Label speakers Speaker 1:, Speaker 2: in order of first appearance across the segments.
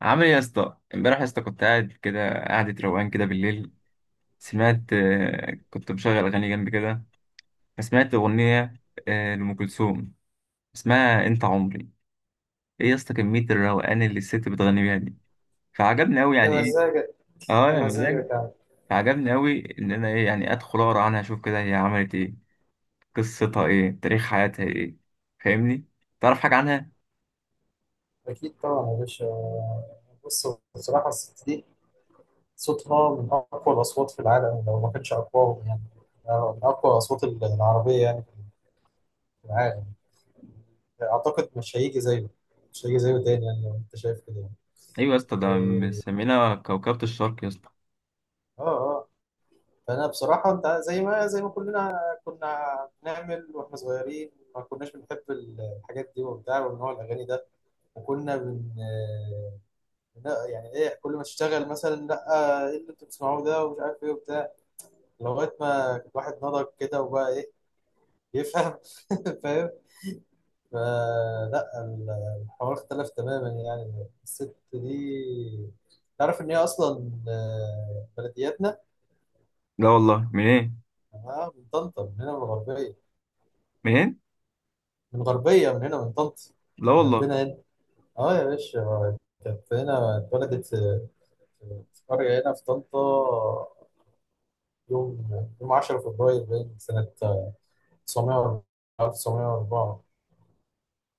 Speaker 1: عامل ايه يا اسطى؟ امبارح يا اسطى كنت قاعد كده قعدة روقان كده بالليل. سمعت، كنت مشغل اغاني جنبي كده. فسمعت اغنية لأم كلثوم، اسمها انت عمري. ايه يا اسطى كمية الروقان اللي الست بتغني بيها دي؟ فعجبني قوي
Speaker 2: ده
Speaker 1: يعني، ايه؟
Speaker 2: مزاجك
Speaker 1: اه
Speaker 2: ده
Speaker 1: يا
Speaker 2: مزاجك
Speaker 1: مزاجي.
Speaker 2: يعني.
Speaker 1: فعجبني قوي، ان انا ايه يعني؟ ادخل اقرا عنها، اشوف كده هي عملت ايه، قصتها ايه، تاريخ حياتها ايه. فاهمني؟ تعرف حاجة عنها؟
Speaker 2: أكيد طبعا يا باشا. بص. بصراحة الست دي صوتها من أقوى الأصوات في العالم، لو ما كانش أقواهم يعني. من أقوى الأصوات العربية يعني في العالم. أعتقد مش هيجي زيه تاني يعني، لو أنت شايف كده يعني.
Speaker 1: ايوه يا اسطى، ده
Speaker 2: إيه،
Speaker 1: مسمينا كوكبة الشرق يا اسطى.
Speaker 2: آه آه. فأنا بصراحة أنت زي ما كلنا كنا بنعمل وإحنا صغيرين، ما كناش بنحب الحاجات دي وبتاع والنوع الأغاني ده. وكنا لا يعني ايه، كل ما تشتغل مثلا: لا، ايه اللي انتوا بتسمعوه ده ومش عارف ايه وبتاع. لغايه ما الواحد نضج كده وبقى ايه، يفهم. فاهم. فلا ال- الحوار اختلف تماما يعني. الست دي تعرف ان هي اصلا بلدياتنا.
Speaker 1: لا والله، منين؟
Speaker 2: اه، من طنطا، من هنا من الغربيه.
Speaker 1: منين؟
Speaker 2: من هنا من طنطا،
Speaker 1: لا والله.
Speaker 2: جنبنا هنا. اه يا باشا. كانت هنا، اتولدت في قريه هنا في طنطا. يوم يوم 10 فبراير باين سنة 904 904.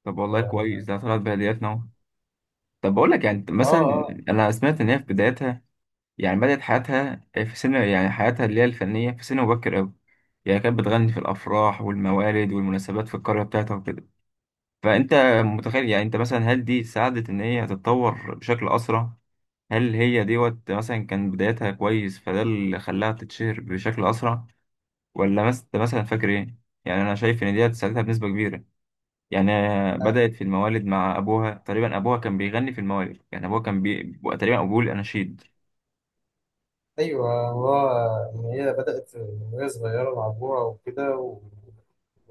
Speaker 1: طب والله
Speaker 2: هو
Speaker 1: كويس،
Speaker 2: يعني.
Speaker 1: ده طلعت بهديات نوع. طب بقول لك يعني، أنت
Speaker 2: اه
Speaker 1: مثلا.
Speaker 2: اه.
Speaker 1: انا سمعت ان هي في بدايتها، يعني بدأت حياتها في سن، يعني حياتها اللي هي الفنية، في سن مبكر قوي. يعني كانت بتغني في الافراح والموالد والمناسبات في القرية بتاعتها وكده. فانت متخيل يعني؟ انت مثلا، هل دي ساعدت ان هي تتطور بشكل اسرع؟ هل هي دوت مثلا كان بدايتها كويس فده اللي خلاها تتشهر بشكل اسرع، ولا مثلا فاكر ايه؟ يعني انا شايف ان ديت ساعدتها بنسبة كبيرة يعني.
Speaker 2: آه،
Speaker 1: بدأت في الموالد مع أبوها، تقريبا أبوها كان بيغني في الموالد، يعني أبوها كان بيبقى تقريبا أبوه الأناشيد.
Speaker 2: ايوه هو، ان هي بدأت من وهي صغيرة مع أبوها وكده.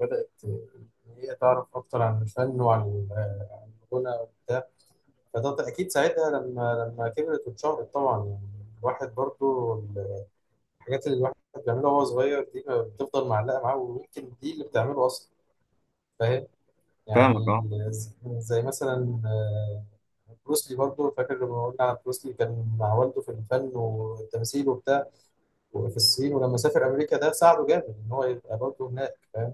Speaker 2: وبدأت إن هي تعرف أكتر عن الفن وعن الغنى وبتاع. فده أكيد ساعتها لما كبرت واتشهرت. طبعا يعني، الواحد برضو الحاجات اللي الواحد بيعملها وهو صغير دي بتفضل معلقة معاه، ويمكن دي اللي بتعمله أصلا
Speaker 1: فاهمك
Speaker 2: يعني.
Speaker 1: أه.
Speaker 2: زي مثلا بروسلي. برضه فاكر لما قلنا على بروسلي، كان مع والده في الفن والتمثيل وبتاع وفي الصين، ولما سافر امريكا ده ساعده جامد ان هو يبقى برضه هناك، فاهم.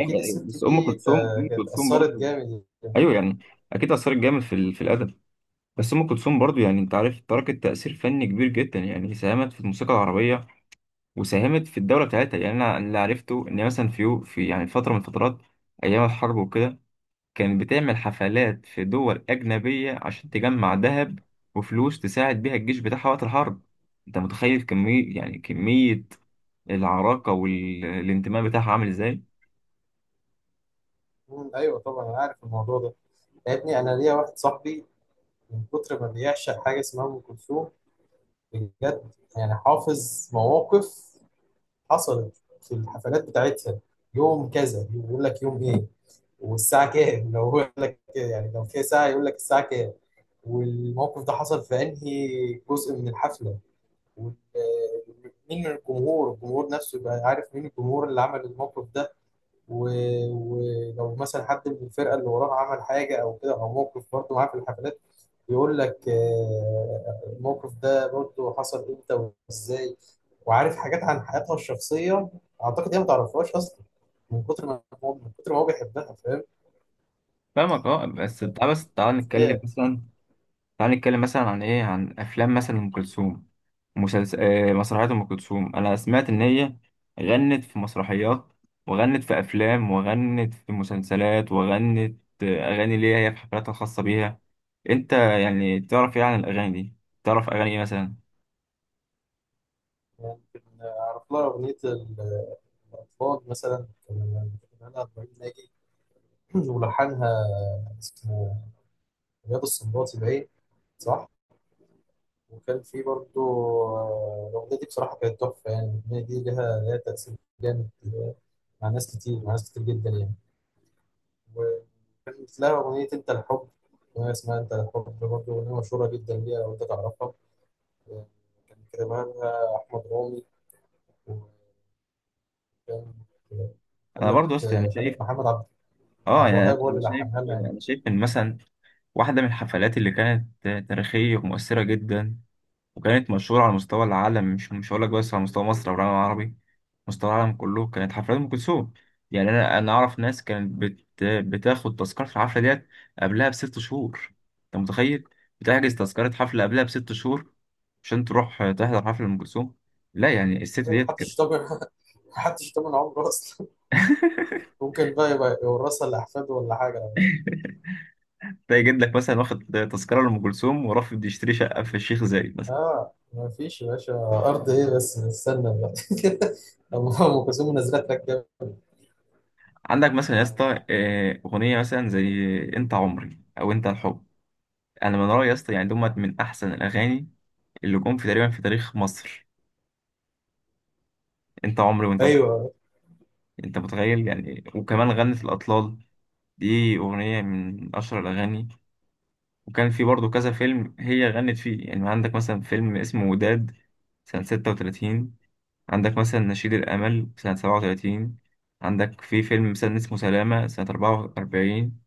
Speaker 1: أيوة، أيوة،
Speaker 2: الست
Speaker 1: بس أم
Speaker 2: دي
Speaker 1: كلثوم، أم
Speaker 2: كانت
Speaker 1: كلثوم
Speaker 2: اثرت
Speaker 1: برضه،
Speaker 2: جامد.
Speaker 1: أيوه يعني. أكيد أثرت جامد في الأدب. بس أم كلثوم برضه، يعني أنت عارف، تركت تأثير فني كبير جدا، يعني ساهمت في الموسيقى العربية. وساهمت في الدولة بتاعتها، يعني أنا اللي عرفته إن مثلا في يعني فترة من الفترات، أيام الحرب وكده، كانت بتعمل حفلات في دول أجنبية عشان تجمع ذهب وفلوس تساعد بيها الجيش بتاعها وقت الحرب. أنت متخيل كمية، يعني كمية العراقة والانتماء بتاعها عامل إزاي؟
Speaker 2: ايوه طبعا انا عارف الموضوع ده. يا ابني انا ليا واحد صاحبي، من كتر ما بيعشق حاجه اسمها ام كلثوم. بجد. يعني حافظ مواقف حصلت في الحفلات بتاعتها. يوم كذا يقول لك يوم ايه، والساعة كام، لو هو يقول لك يعني لو فيها ساعة، يقول لك الساعة كام. والموقف ده حصل في أنهي جزء من الحفلة، وال- مين من الجمهور. الجمهور نفسه يبقى عارف مين الجمهور اللي عمل الموقف ده. و... ولو مثلا حد من الفرقة اللي وراه عمل حاجة أو كده أو موقف برضه معاه في الحفلات، يقول لك الموقف ده برضه حصل إمتى وإزاي. وعارف حاجات عن حياتها الشخصية أعتقد هي ما تعرفهاش أصلا، من كتر ما هو بيحبها.
Speaker 1: فاهمك أه. بس
Speaker 2: فاهم.
Speaker 1: تعال بس تعال نتكلم مثلا، تعالى نتكلم مثلا عن ايه، عن افلام مثلا ام كلثوم، مسلسل، مسرحيات ام كلثوم. انا سمعت ان هي غنت في مسرحيات، وغنت في افلام، وغنت في مسلسلات، وغنت اغاني ليها هي في حفلاتها الخاصه بيها. انت يعني تعرف ايه عن الاغاني دي؟ تعرف اغاني ايه مثلا؟
Speaker 2: ممكن أعرف لها أغنية الأطفال مثلا، كان أنا إبراهيم ناجي ولحنها اسمه رياض السنباطي باين، صح؟ وكان في برضه الأغنية دي بصراحة كانت تحفة يعني. الأغنية دي لها تأثير جامد مع ناس كتير، مع ناس كتير جدا يعني. وكانت لها أغنية أنت الحب، أغنية اسمها أنت الحب برضه، أغنية مشهورة جدا ليها، لو أنت تعرفها. آه، كان كتبها لها أحمد رامي، وكان آه،
Speaker 1: انا
Speaker 2: خلت
Speaker 1: برضو أصلا يعني
Speaker 2: خلت
Speaker 1: شايف،
Speaker 2: محمد
Speaker 1: اه
Speaker 2: عبد
Speaker 1: يعني
Speaker 2: الوهاب هو اللي لحنها لها يعني.
Speaker 1: انا شايف ان مثلا واحده من الحفلات اللي كانت تاريخيه ومؤثره جدا، وكانت مشهوره على مستوى العالم، مش هقول لك بس على مستوى مصر او العالم العربي، مستوى العالم كله كانت حفلات ام كلثوم. يعني انا اعرف ناس كانت بتاخد تذكره الحفله ديت قبلها بست شهور. انت متخيل؟ بتحجز تذكره حفله قبلها بست شهور، عشان تروح تحضر حفله ام كلثوم. لا يعني الست ديت كانت.
Speaker 2: محدش ضامن. محدش ضامن عمره اصلا، ممكن بقى يبقى يورثها لاحفاده ولا حاجه.
Speaker 1: تلاقي جدك مثلا واخد تذكره لام كلثوم ورافض يشتري شقه في الشيخ زايد مثلا.
Speaker 2: اه ما فيش يا باشا، ارض ايه بس نستنى بقى. أما ام كلثوم نزلها تراك جامد.
Speaker 1: عندك مثلا يا اسطى اغنيه مثلا زي انت عمري او انت الحب، انا من رايي يا اسطى يعني دمت من احسن الاغاني اللي جم في تقريبا في تاريخ مصر، انت عمري وانت الحب.
Speaker 2: ايوه.
Speaker 1: انت متخيل يعني؟ وكمان غنت الاطلال، دي اغنيه من اشهر الاغاني. وكان في برضه كذا فيلم هي غنت فيه، يعني عندك مثلا فيلم اسمه وداد سنه 36، عندك مثلا نشيد الامل سنه 37، عندك في فيلم مثلا اسمه سلامه سنه 44،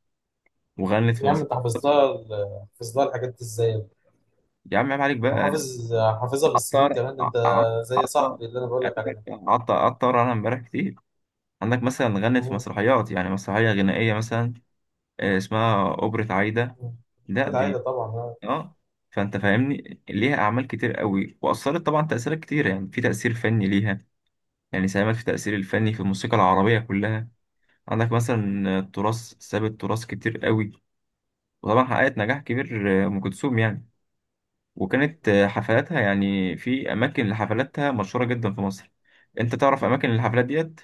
Speaker 1: وغنت في
Speaker 2: يا عم
Speaker 1: مصر.
Speaker 2: انت حافظ لها حافظ لها الحاجات دي ازاي،
Speaker 1: يا عم عيب عليك بقى.
Speaker 2: حافظها بالسنين
Speaker 1: عطر
Speaker 2: كمان. ده انت زي
Speaker 1: عطر،
Speaker 2: صاحبي اللي انا بقول لك عليه ده.
Speaker 1: عطر، عطر، انا امبارح كتير. عندك مثلا غنت في
Speaker 2: مم.
Speaker 1: مسرحيات، يعني مسرحيه غنائيه مثلا اسمها اوبرا عايده.
Speaker 2: مم.
Speaker 1: لا
Speaker 2: كانت عايده
Speaker 1: دي،
Speaker 2: طبعا آه.
Speaker 1: اه، فانت فاهمني، ليها اعمال كتير قوي واثرت طبعا تاثيرات كتير، يعني في تاثير فني ليها، يعني ساهمت في التاثير الفني في الموسيقى العربيه كلها. عندك مثلا تراث، سابت تراث كتير قوي، وطبعا حققت نجاح كبير، ام كلثوم يعني. وكانت حفلاتها يعني في اماكن لحفلاتها مشهوره جدا في مصر. انت تعرف اماكن الحفلات ديت؟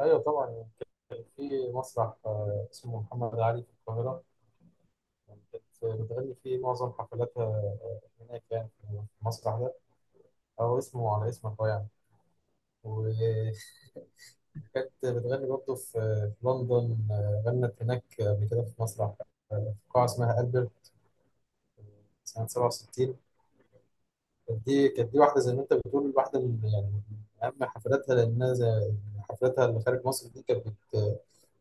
Speaker 2: ايوه طبعا. كان في مسرح اسمه محمد علي في القاهره، كانت بتغني فيه معظم حفلاتها هناك، يعني في مسرح ده هو اسمه على اسمك هو يعني. وكانت بتغني برضه في لندن، غنت هناك قبل كده، في مسرح في قاعة اسمها ألبرت آه، سنة 67. كانت دي واحدة زي ما أنت بتقول، واحدة من يعني من أهم حفلاتها، لأنها زي حفلاتها اللي خارج مصر دي، كانت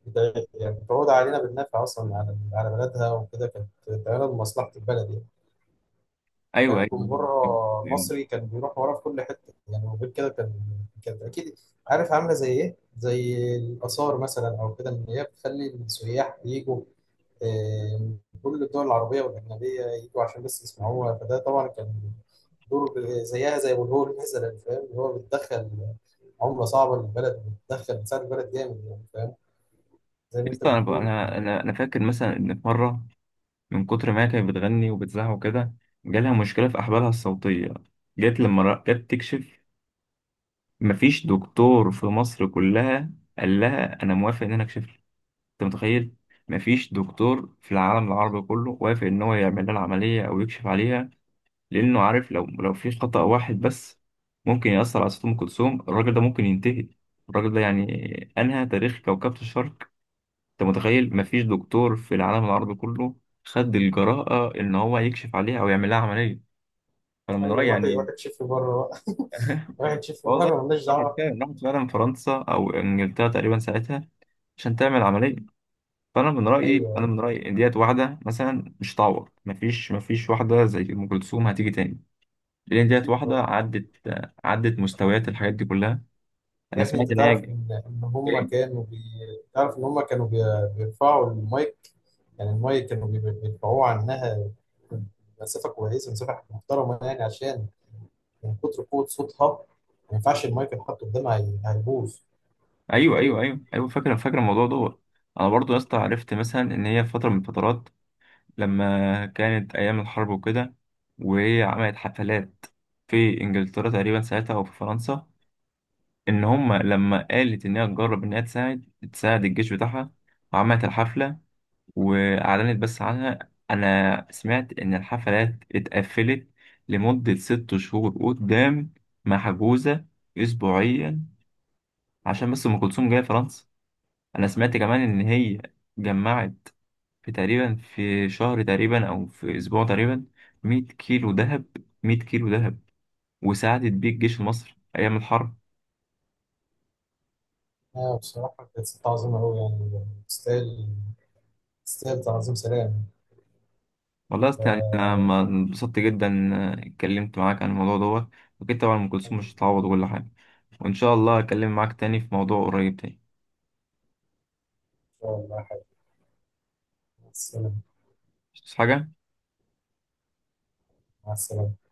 Speaker 2: يعني بتعود علينا بالنفع أصلا، على بلدها وكده، كانت بتعملها لمصلحة البلد يعني.
Speaker 1: ايوه،
Speaker 2: كان
Speaker 1: ايوه،
Speaker 2: جمهور
Speaker 1: أيوة.
Speaker 2: مصري كان بيروح ورا في كل حته يعني، وغير كده كان، كانت اكيد، عارف عامله زي ايه؟ زي الاثار مثلا او كده، ان هي بتخلي السياح يجوا آه، من كل الدول العربيه والاجنبيه، يجوا عشان بس يسمعوها. فده طبعا كان دور زيها زي والهول مثلا، فاهم؟ اللي هو بتدخل عمله صعبه للبلد، بتدخل بتساعد البلد جامد يعني، فاهم؟ زي ما انت
Speaker 1: يسطا، انا
Speaker 2: بتقول.
Speaker 1: انا انا أنا فاكر مثلا ان في مره، من كتر ما هي كانت بتغني وبتزعق وكده، جالها مشكلة في أحبالها الصوتية. جت لما جت تكشف، مفيش دكتور في مصر كلها قال لها أنا موافق إن أنا أكشف لك. أنت متخيل؟ مفيش دكتور في العالم العربي كله وافق إن هو يعمل لها العملية أو يكشف عليها، لأنه عارف لو في خطأ واحد بس ممكن يأثر على صوت أم كلثوم. الراجل ده ممكن ينتهي، الراجل ده يعني أنهى تاريخ كوكبة الشرق. انت متخيل؟ مفيش دكتور في العالم العربي كله خد الجراءة ان هو يكشف عليها او يعمل لها عملية. فانا من رأيي
Speaker 2: ايوه روح
Speaker 1: يعني.
Speaker 2: تشوف بره بقى. روح تشوف
Speaker 1: والله،
Speaker 2: بره مالناش
Speaker 1: راحت
Speaker 2: دعوه.
Speaker 1: فعلا راحت فعلا فرنسا او انجلترا تقريبا ساعتها عشان تعمل عملية. فانا من رأيي انا
Speaker 2: ايوه
Speaker 1: من رأيي ان ديت واحدة مثلا مش هتعوض، مفيش واحدة زي ام كلثوم هتيجي تاني، لان ديت
Speaker 2: اكيد
Speaker 1: واحدة
Speaker 2: طبعا.
Speaker 1: عدت مستويات الحاجات دي كلها. انا
Speaker 2: يا ابني
Speaker 1: سمعت
Speaker 2: انت
Speaker 1: ان
Speaker 2: تعرف
Speaker 1: هي،
Speaker 2: ان هم
Speaker 1: ايه؟
Speaker 2: كانوا تعرف ان هم كانوا بي... بيرفعوا المايك. يعني المايك كانوا بيرفعوه عنها مسافه محترمه يعني، عشان من كتر قوه صوتها ما ينفعش المايك يتحط قدامها، هيبوظ. انت
Speaker 1: ايوه، ايوه،
Speaker 2: متخيل؟
Speaker 1: ايوه، ايوه، فاكر الموضوع دوت. انا برضو يا اسطى عرفت مثلا ان هي في فتره من الفترات، لما كانت أيام الحرب وكده، وهي عملت حفلات في إنجلترا تقريبا ساعتها أو في فرنسا، إن هما لما قالت إنها تجرب إنها تساعد الجيش بتاعها، وعملت الحفلة وأعلنت بس عنها. أنا سمعت إن الحفلات اتقفلت لمدة ست شهور قدام، محجوزة أسبوعيا، عشان بس أم كلثوم جاية فرنسا. أنا سمعت كمان إن هي جمعت في تقريبا في شهر تقريبا او في اسبوع تقريبا 100 كيلو ذهب، 100 كيلو ذهب، وساعدت بيه الجيش المصري ايام الحرب.
Speaker 2: اه بصراحه كانت ست عظيمه قوي، يعني تستاهل، تعظيم سلام.
Speaker 1: والله يا أسطى يعني انا
Speaker 2: آه،
Speaker 1: ما انبسطت جدا، اتكلمت معاك عن الموضوع دوت، واكيد طبعا ام كلثوم
Speaker 2: حبيبي ان
Speaker 1: مش هتعوض كل حاجه. وان شاء الله اكلم معاك تاني في موضوع قريب تاني.
Speaker 2: شاء الله يا حبيبي. مع السلامه.
Speaker 1: مش حاجه.
Speaker 2: مع السلامه.